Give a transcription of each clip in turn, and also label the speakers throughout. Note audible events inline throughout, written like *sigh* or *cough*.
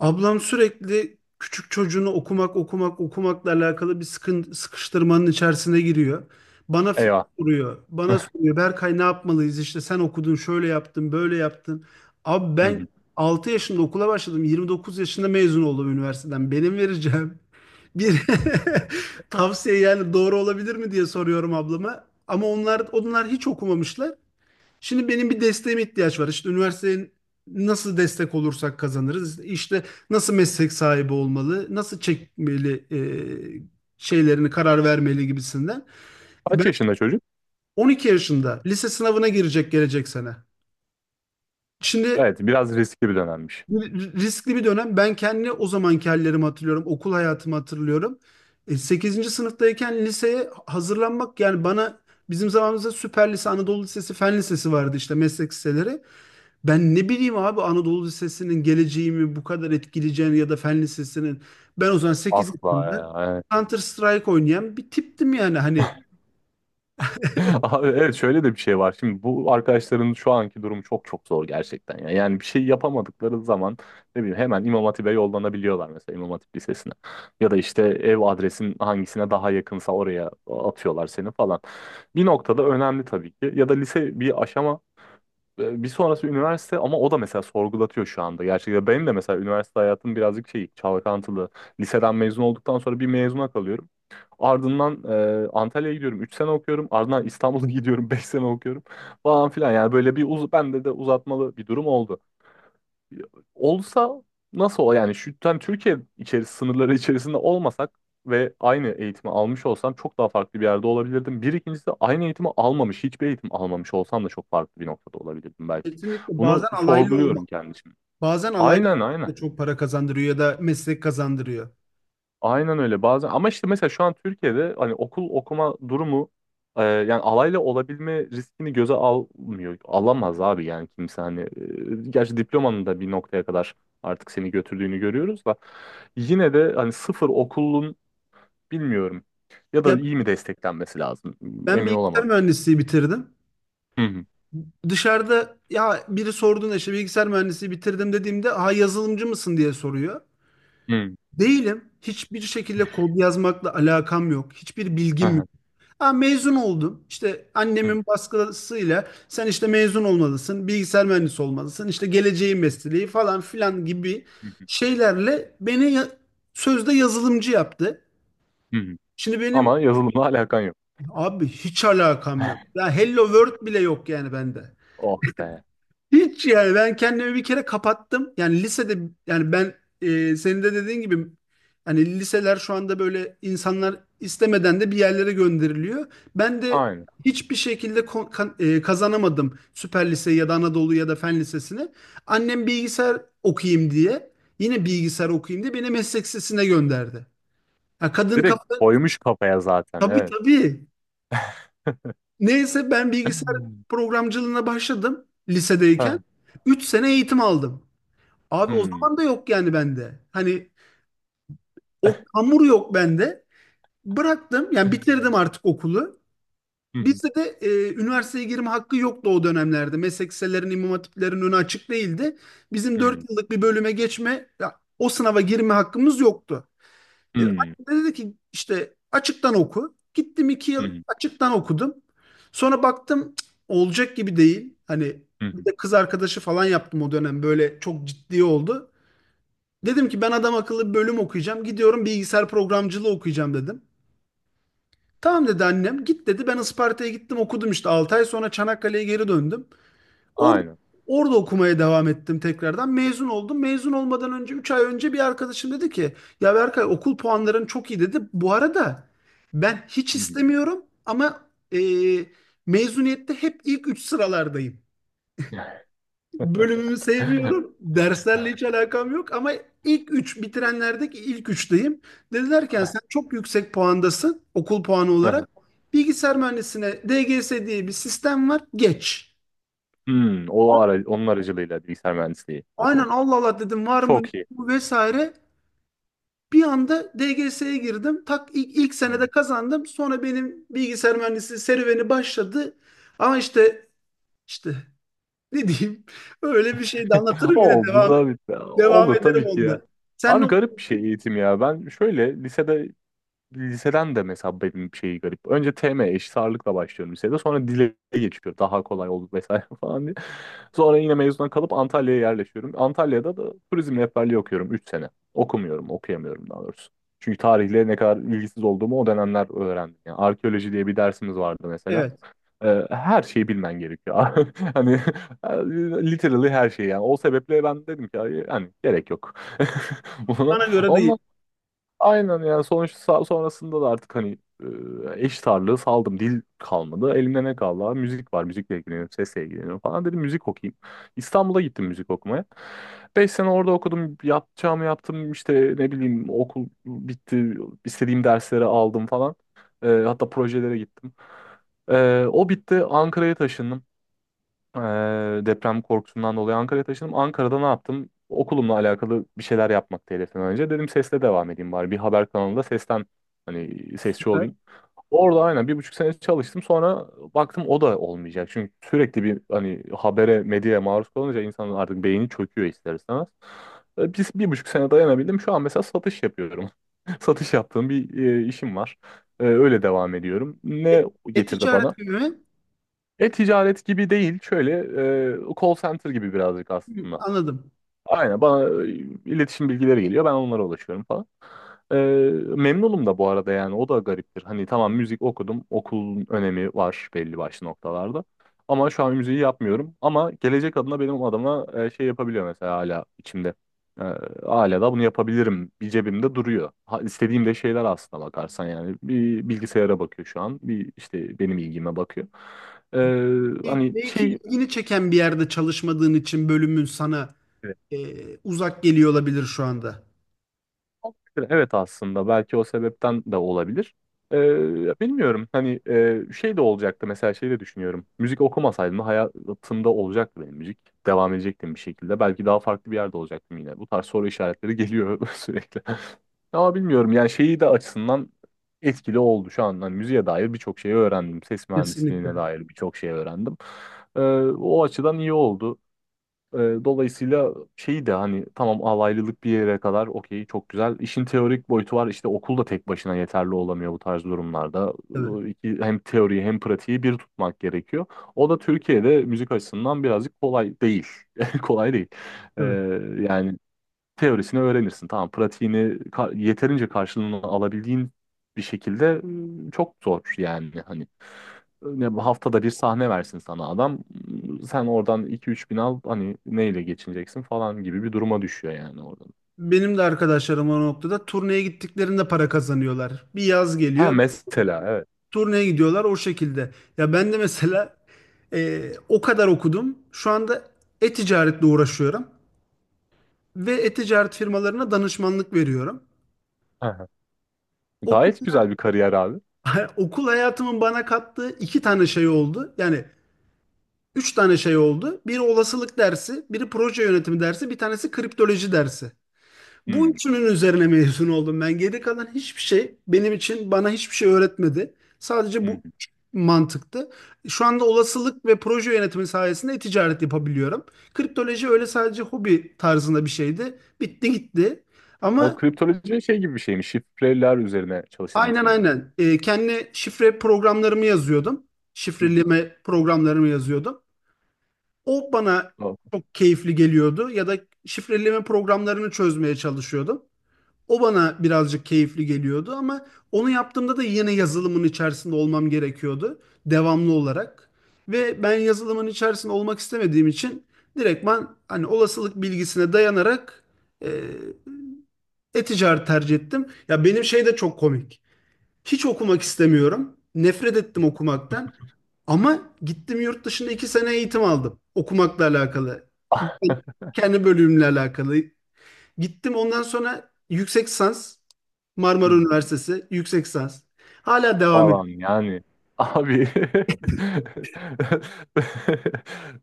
Speaker 1: Ablam sürekli küçük çocuğunu okumakla alakalı bir sıkıştırmanın içerisine giriyor. Bana
Speaker 2: Eyvah.
Speaker 1: soruyor. Bana soruyor. Berkay, ne yapmalıyız? İşte sen okudun, şöyle yaptın, böyle yaptın. Abi
Speaker 2: Hı
Speaker 1: ben
Speaker 2: hı.
Speaker 1: 6 yaşında okula başladım. 29 yaşında mezun oldum üniversiteden. Benim vereceğim bir *laughs* tavsiye yani doğru olabilir mi diye soruyorum ablama. Ama onlar hiç okumamışlar. Şimdi benim bir desteğime ihtiyaç var. İşte üniversiteye nasıl destek olursak kazanırız. İşte nasıl meslek sahibi olmalı, nasıl çekmeli şeylerini karar vermeli gibisinden. Ben
Speaker 2: Kaç yaşında çocuk?
Speaker 1: 12 yaşında lise sınavına girecek gelecek sene. Şimdi
Speaker 2: Evet, biraz riskli bir dönemmiş.
Speaker 1: bu riskli bir dönem. Ben kendi o zamanki hallerimi hatırlıyorum, okul hayatımı hatırlıyorum. 8. sınıftayken liseye hazırlanmak yani bana bizim zamanımızda Süper Lise, Anadolu Lisesi, Fen Lisesi vardı, işte meslek liseleri. Ben ne bileyim abi Anadolu Lisesi'nin geleceğimi bu kadar etkileyeceğini ya da Fen Lisesi'nin. Ben o zaman 8
Speaker 2: Asla
Speaker 1: yaşında
Speaker 2: ya. Evet.
Speaker 1: Counter Strike oynayan bir tiptim yani. Hani
Speaker 2: *laughs* Abi evet şöyle de bir şey var. Şimdi bu arkadaşların şu anki durumu çok çok zor gerçekten ya. Yani bir şey yapamadıkları zaman ne bileyim hemen İmam Hatip'e yollanabiliyorlar mesela İmam Hatip Lisesi'ne. Ya da işte ev adresin hangisine daha yakınsa oraya atıyorlar seni falan. Bir noktada önemli tabii ki. Ya da lise bir aşama, bir sonrası üniversite ama o da mesela sorgulatıyor şu anda. Gerçekten benim de mesela üniversite hayatım birazcık şey çalkantılı. Liseden mezun olduktan sonra bir mezuna kalıyorum. Ardından Antalya'ya gidiyorum 3 sene okuyorum. Ardından İstanbul'a *laughs* gidiyorum 5 sene okuyorum falan filan. Yani böyle bir uz bende de uzatmalı bir durum oldu. Olsa nasıl ol yani şu yani Türkiye içerisinde sınırları içerisinde olmasak ve aynı eğitimi almış olsam çok daha farklı bir yerde olabilirdim. Bir ikincisi aynı eğitimi almamış, hiçbir eğitim almamış olsam da çok farklı bir noktada olabilirdim belki.
Speaker 1: kesinlikle bazen
Speaker 2: Bunu
Speaker 1: alaylı olmak,
Speaker 2: sorguluyorum kendim için.
Speaker 1: bazen alaylı
Speaker 2: Aynen,
Speaker 1: olmak da
Speaker 2: aynen.
Speaker 1: çok para kazandırıyor ya da meslek kazandırıyor.
Speaker 2: Aynen öyle bazen ama işte mesela şu an Türkiye'de hani okul okuma durumu, yani alayla olabilme riskini göze almıyor. Alamaz abi yani kimse hani. Gerçi diplomanın da bir noktaya kadar artık seni götürdüğünü görüyoruz da yine de hani sıfır okulun bilmiyorum ya da
Speaker 1: Ya
Speaker 2: iyi mi desteklenmesi lazım,
Speaker 1: ben
Speaker 2: emin
Speaker 1: bilgisayar
Speaker 2: olamadım.
Speaker 1: mühendisliği bitirdim.
Speaker 2: Hı hı,
Speaker 1: Dışarıda ya biri sorduğunda işte bilgisayar mühendisliği bitirdim dediğimde ha yazılımcı mısın diye soruyor.
Speaker 2: hı,
Speaker 1: Değilim. Hiçbir şekilde kod yazmakla alakam yok. Hiçbir
Speaker 2: hı
Speaker 1: bilgim.
Speaker 2: hı,
Speaker 1: Ha, mezun oldum. İşte
Speaker 2: hı
Speaker 1: annemin baskısıyla sen işte mezun olmalısın, bilgisayar mühendisi olmalısın, işte geleceğin mesleği falan filan gibi
Speaker 2: hı,
Speaker 1: şeylerle beni sözde yazılımcı yaptı.
Speaker 2: hı hı. Hı.
Speaker 1: Şimdi benim.
Speaker 2: Ama yazılımla alakan yok.
Speaker 1: Abi hiç alakam yok.
Speaker 2: *laughs*
Speaker 1: Ya Hello World bile yok yani bende.
Speaker 2: Oh be.
Speaker 1: Hiç yani ben kendimi bir kere kapattım. Yani lisede, yani ben senin de dediğin gibi hani liseler şu anda böyle insanlar istemeden de bir yerlere gönderiliyor. Ben de
Speaker 2: Aynen.
Speaker 1: hiçbir şekilde kazanamadım Süper Liseyi ya da Anadolu ya da Fen Lisesi'ni. Annem bilgisayar okuyayım diye, yine bilgisayar okuyayım diye beni meslek lisesine gönderdi. Ya kadın
Speaker 2: Direkt
Speaker 1: kafa,
Speaker 2: koymuş kafaya zaten,
Speaker 1: tabii
Speaker 2: evet.
Speaker 1: tabii. Neyse ben bilgisayar
Speaker 2: *laughs*
Speaker 1: programcılığına başladım lisedeyken.
Speaker 2: Hı.
Speaker 1: 3 sene eğitim aldım. Abi o
Speaker 2: Hmm.
Speaker 1: zaman da yok yani bende. Hani o hamur yok bende. Bıraktım yani bitirdim artık okulu.
Speaker 2: Hı hı.
Speaker 1: Bizde de üniversiteye girme hakkı yoktu o dönemlerde. Meslek liselerinin, imam hatiplerin önü açık değildi. Bizim
Speaker 2: Hı hı.
Speaker 1: 4 yıllık bir bölüme geçme, ya, o sınava girme hakkımız yoktu.
Speaker 2: Hımm.
Speaker 1: Annem de dedi ki işte açıktan oku. Gittim 2
Speaker 2: Hı
Speaker 1: yıl
Speaker 2: hı.
Speaker 1: açıktan okudum. Sonra baktım, cık, olacak gibi değil. Hani
Speaker 2: Hı
Speaker 1: bir
Speaker 2: hı.
Speaker 1: de kız arkadaşı falan yaptım o dönem, böyle çok ciddi oldu. Dedim ki ben adam akıllı bir bölüm okuyacağım. Gidiyorum bilgisayar programcılığı okuyacağım dedim. Tamam dedi annem. Git dedi. Ben Isparta'ya gittim okudum, işte 6 ay sonra Çanakkale'ye geri döndüm. Orada,
Speaker 2: Aynen.
Speaker 1: orada okumaya devam ettim tekrardan. Mezun oldum. Mezun olmadan önce 3 ay önce bir arkadaşım dedi ki ya Berkay, okul puanların çok iyi dedi. Bu arada ben hiç
Speaker 2: Hı hı.
Speaker 1: istemiyorum ama e, mezuniyette hep ilk 3 sıralardayım.
Speaker 2: *laughs*
Speaker 1: Bölümümü sevmiyorum. Derslerle hiç alakam yok ama ilk üç bitirenlerdeki ilk üçteyim. Dedilerken
Speaker 2: Aynen. Hı hı.
Speaker 1: sen
Speaker 2: *laughs*
Speaker 1: çok yüksek puandasın okul puanı
Speaker 2: Aha.
Speaker 1: olarak. Bilgisayar mühendisine DGS diye bir sistem var. Geç.
Speaker 2: O
Speaker 1: A-
Speaker 2: ara onun aracılığıyla bilgisayar mühendisliği
Speaker 1: Aynen,
Speaker 2: okudum.
Speaker 1: Allah Allah dedim, var mı yok
Speaker 2: Çok iyi.
Speaker 1: mu vesaire. Bir anda DGS'ye girdim. Tak, ilk senede
Speaker 2: Aynen.
Speaker 1: kazandım. Sonra benim bilgisayar mühendisi serüveni başladı. Ama işte ne diyeyim, öyle bir şey de anlatırım, yine
Speaker 2: Oldu
Speaker 1: devam
Speaker 2: da bitti.
Speaker 1: devam
Speaker 2: Olur
Speaker 1: ederim
Speaker 2: tabii ki ya.
Speaker 1: onda. Sen ne.
Speaker 2: Abi garip bir şey eğitim ya. Ben şöyle liseden de mesela benim şeyi garip. Önce TM eşit ağırlıkla başlıyorum lisede. Sonra dile geçiyor. Daha kolay oldu vesaire *laughs* falan diye. Sonra yine mezuna kalıp Antalya'ya yerleşiyorum. Antalya'da da turizm rehberliği okuyorum 3 sene. Okumuyorum, okuyamıyorum daha doğrusu. Çünkü tarihle ne kadar ilgisiz olduğumu o dönemler öğrendim. Yani arkeoloji diye bir dersimiz vardı mesela.
Speaker 1: Evet.
Speaker 2: Her şeyi bilmen gerekiyor. *laughs* Hani literally her şeyi yani. O sebeple ben dedim ki hani gerek yok. *laughs* Ona-
Speaker 1: Bana göre değil.
Speaker 2: Ondan Aynen yani sonuçta sonrasında da artık hani, eş tarlığı saldım. Dil kalmadı. Elimde ne kaldı, abi? Müzik var. Müzikle ilgileniyorum. Sesle ilgileniyorum falan. Dedim müzik okuyayım. İstanbul'a gittim müzik okumaya. 5 sene orada okudum. Yapacağımı yaptım. İşte ne bileyim okul bitti. İstediğim dersleri aldım falan. Hatta projelere gittim. O bitti. Ankara'ya taşındım. Ee, Deprem korkusundan dolayı Ankara'ya taşındım. Ankara'da ne yaptım? Okulumla alakalı bir şeyler yapmaktı hedeften önce. Dedim sesle devam edeyim bari. Bir haber kanalında sesten hani sesçi
Speaker 1: Süper.
Speaker 2: olayım. Orada aynen 1,5 sene çalıştım. Sonra baktım o da olmayacak. Çünkü sürekli bir hani habere, medyaya maruz kalınca insanın artık beyni çöküyor ister istemez. Biz 1,5 sene dayanabildim. Şu an mesela satış yapıyorum. *laughs* Satış yaptığım bir, işim var. Öyle devam ediyorum. Ne
Speaker 1: E-
Speaker 2: getirdi bana?
Speaker 1: E-ticaret gibi mi?
Speaker 2: E-ticaret gibi değil. Şöyle, call center gibi birazcık
Speaker 1: Hı,
Speaker 2: aslında.
Speaker 1: anladım.
Speaker 2: Aynen bana, iletişim bilgileri geliyor ben onlara ulaşıyorum falan. Ee, Memnunum da bu arada yani o da gariptir. Hani tamam müzik okudum okulun önemi var belli başlı noktalarda. Ama şu an müziği yapmıyorum ama gelecek adına benim adama, şey yapabiliyor mesela hala içimde. Ee, Hala da bunu yapabilirim bir cebimde duruyor. Ha, istediğim de şeyler aslına bakarsan yani bir bilgisayara bakıyor şu an bir işte benim ilgime bakıyor. Ee, hani
Speaker 1: Belki
Speaker 2: şey
Speaker 1: ilgini çeken bir yerde çalışmadığın için bölümün sana e, uzak geliyor olabilir şu anda.
Speaker 2: Evet aslında belki o sebepten de olabilir. Bilmiyorum hani, şey de olacaktı mesela şey de düşünüyorum. Müzik okumasaydım da hayatımda olacaktı benim müzik. Devam edecektim bir şekilde. Belki daha farklı bir yerde olacaktım yine. Bu tarz soru işaretleri geliyor *laughs* sürekli. Ama bilmiyorum yani şeyi de açısından etkili oldu şu an. Hani müziğe dair birçok şey öğrendim. Ses mühendisliğine
Speaker 1: Kesinlikle.
Speaker 2: dair birçok şey öğrendim. Ee, O açıdan iyi oldu. Ee, Dolayısıyla şeyi de hani tamam alaylılık bir yere kadar okey çok güzel. İşin teorik boyutu var işte okul da tek başına yeterli olamıyor bu tarz durumlarda.
Speaker 1: Tabii,
Speaker 2: Hem teoriyi hem pratiği bir tutmak gerekiyor. O da Türkiye'de müzik açısından birazcık kolay değil. *laughs* Kolay değil.
Speaker 1: tabii.
Speaker 2: Evet. Yani teorisini öğrenirsin. Tamam, pratiğini yeterince karşılığını alabildiğin bir şekilde, çok zor yani hani ne bu haftada bir sahne versin sana adam sen oradan iki üç bin al hani neyle geçineceksin falan gibi bir duruma düşüyor yani oradan.
Speaker 1: Benim de arkadaşlarım o noktada turneye gittiklerinde para kazanıyorlar. Bir yaz
Speaker 2: Ha,
Speaker 1: geliyor,
Speaker 2: mesela evet.
Speaker 1: turneye gidiyorlar o şekilde. Ya ben de mesela o kadar okudum. Şu anda e-ticaretle uğraşıyorum ve e-ticaret firmalarına danışmanlık veriyorum.
Speaker 2: Aha.
Speaker 1: Okul,
Speaker 2: Gayet güzel bir kariyer abi.
Speaker 1: *laughs* okul hayatımın bana kattığı 2 tane şey oldu. Yani 3 tane şey oldu. Biri olasılık dersi, biri proje yönetimi dersi, bir tanesi kriptoloji dersi. Bu
Speaker 2: Hmm,
Speaker 1: üçünün üzerine mezun oldum ben. Geri kalan hiçbir şey benim için, bana hiçbir şey öğretmedi. Sadece
Speaker 2: hmm.
Speaker 1: bu üç mantıktı. Şu anda olasılık ve proje yönetimi sayesinde ticaret yapabiliyorum. Kriptoloji öyle sadece hobi tarzında bir şeydi. Bitti gitti.
Speaker 2: O
Speaker 1: Ama
Speaker 2: kriptoloji şey gibi bir şey mi? Şifreler üzerine çalıştığın bir
Speaker 1: aynen
Speaker 2: şey mi?
Speaker 1: aynen. Kendi şifre programlarımı yazıyordum.
Speaker 2: Hmm.
Speaker 1: Şifreleme programlarımı yazıyordum. O bana
Speaker 2: O-
Speaker 1: çok keyifli geliyordu. Ya da şifreleme programlarını çözmeye çalışıyordum. O bana birazcık keyifli geliyordu ama onu yaptığımda da yine yazılımın içerisinde olmam gerekiyordu devamlı olarak. Ve ben yazılımın içerisinde olmak istemediğim için direktman hani olasılık bilgisine dayanarak e, e-ticaret tercih ettim. Ya benim şey de çok komik. Hiç okumak istemiyorum. Nefret ettim okumaktan. Ama gittim yurt dışında 2 sene eğitim aldım. Okumakla alakalı. Kendi bölümümle alakalı. Gittim ondan sonra yüksek lisans, Marmara
Speaker 2: *laughs*
Speaker 1: Üniversitesi yüksek lisans. Hala devam ediyor.
Speaker 2: falan yani. Abi *laughs*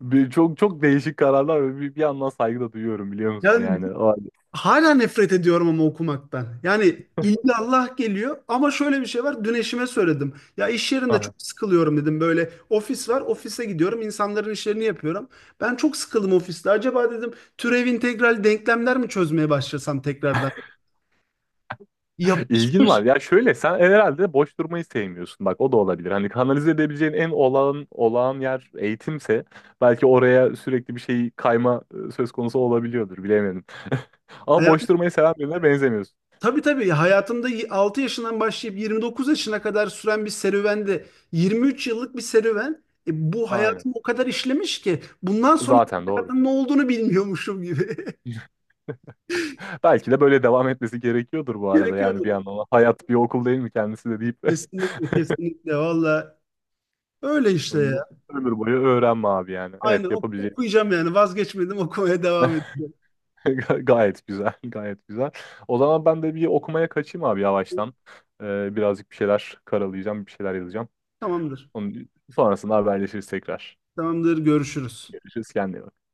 Speaker 2: bir çok çok değişik kararlar ve bir yandan saygı da duyuyorum biliyor musun
Speaker 1: Yani
Speaker 2: yani. O halde.
Speaker 1: hala nefret ediyorum ama okumaktan. Yani Allah geliyor ama şöyle bir şey var. Dün eşime söyledim. Ya iş yerinde
Speaker 2: Aha.
Speaker 1: çok sıkılıyorum dedim. Böyle ofis var. Ofise gidiyorum. İnsanların işlerini yapıyorum. Ben çok sıkıldım ofiste. Acaba dedim türev integral denklemler mi çözmeye başlasam tekrardan?
Speaker 2: *laughs* İlgin var.
Speaker 1: Yapışmış.
Speaker 2: Ya şöyle sen herhalde boş durmayı sevmiyorsun. Bak o da olabilir. Hani kanalize edebileceğin en olağan olağan yer eğitimse belki oraya sürekli bir şey kayma, söz konusu olabiliyordur. Bilemedim. *laughs* Ama boş durmayı seven birine benzemiyorsun.
Speaker 1: Tabii tabii, hayatımda 6 yaşından başlayıp 29 yaşına kadar süren bir serüvende, 23 yıllık bir serüven, bu
Speaker 2: Aynen.
Speaker 1: hayatımı o kadar işlemiş ki bundan sonra
Speaker 2: Zaten doğru.
Speaker 1: hayatın ne olduğunu bilmiyormuşum gibi.
Speaker 2: Belki de böyle devam etmesi gerekiyordur bu
Speaker 1: *laughs*
Speaker 2: arada yani bir
Speaker 1: Gerekiyordur.
Speaker 2: yandan. Hayat bir okul değil mi kendisi de deyip de.
Speaker 1: Kesinlikle kesinlikle valla öyle
Speaker 2: *laughs*
Speaker 1: işte
Speaker 2: Yok,
Speaker 1: ya.
Speaker 2: ömür boyu öğrenme abi yani. Evet
Speaker 1: Aynen
Speaker 2: yapabileceğim.
Speaker 1: okuyacağım, yani vazgeçmedim, okumaya devam edeceğim.
Speaker 2: *laughs* Gayet güzel, gayet güzel. O zaman ben de bir okumaya kaçayım abi yavaştan. Birazcık bir şeyler karalayacağım, bir şeyler yazacağım.
Speaker 1: Tamamdır.
Speaker 2: Onun sonrasında haberleşiriz tekrar.
Speaker 1: Tamamdır, görüşürüz.
Speaker 2: Görüşürüz, kendine iyi bak.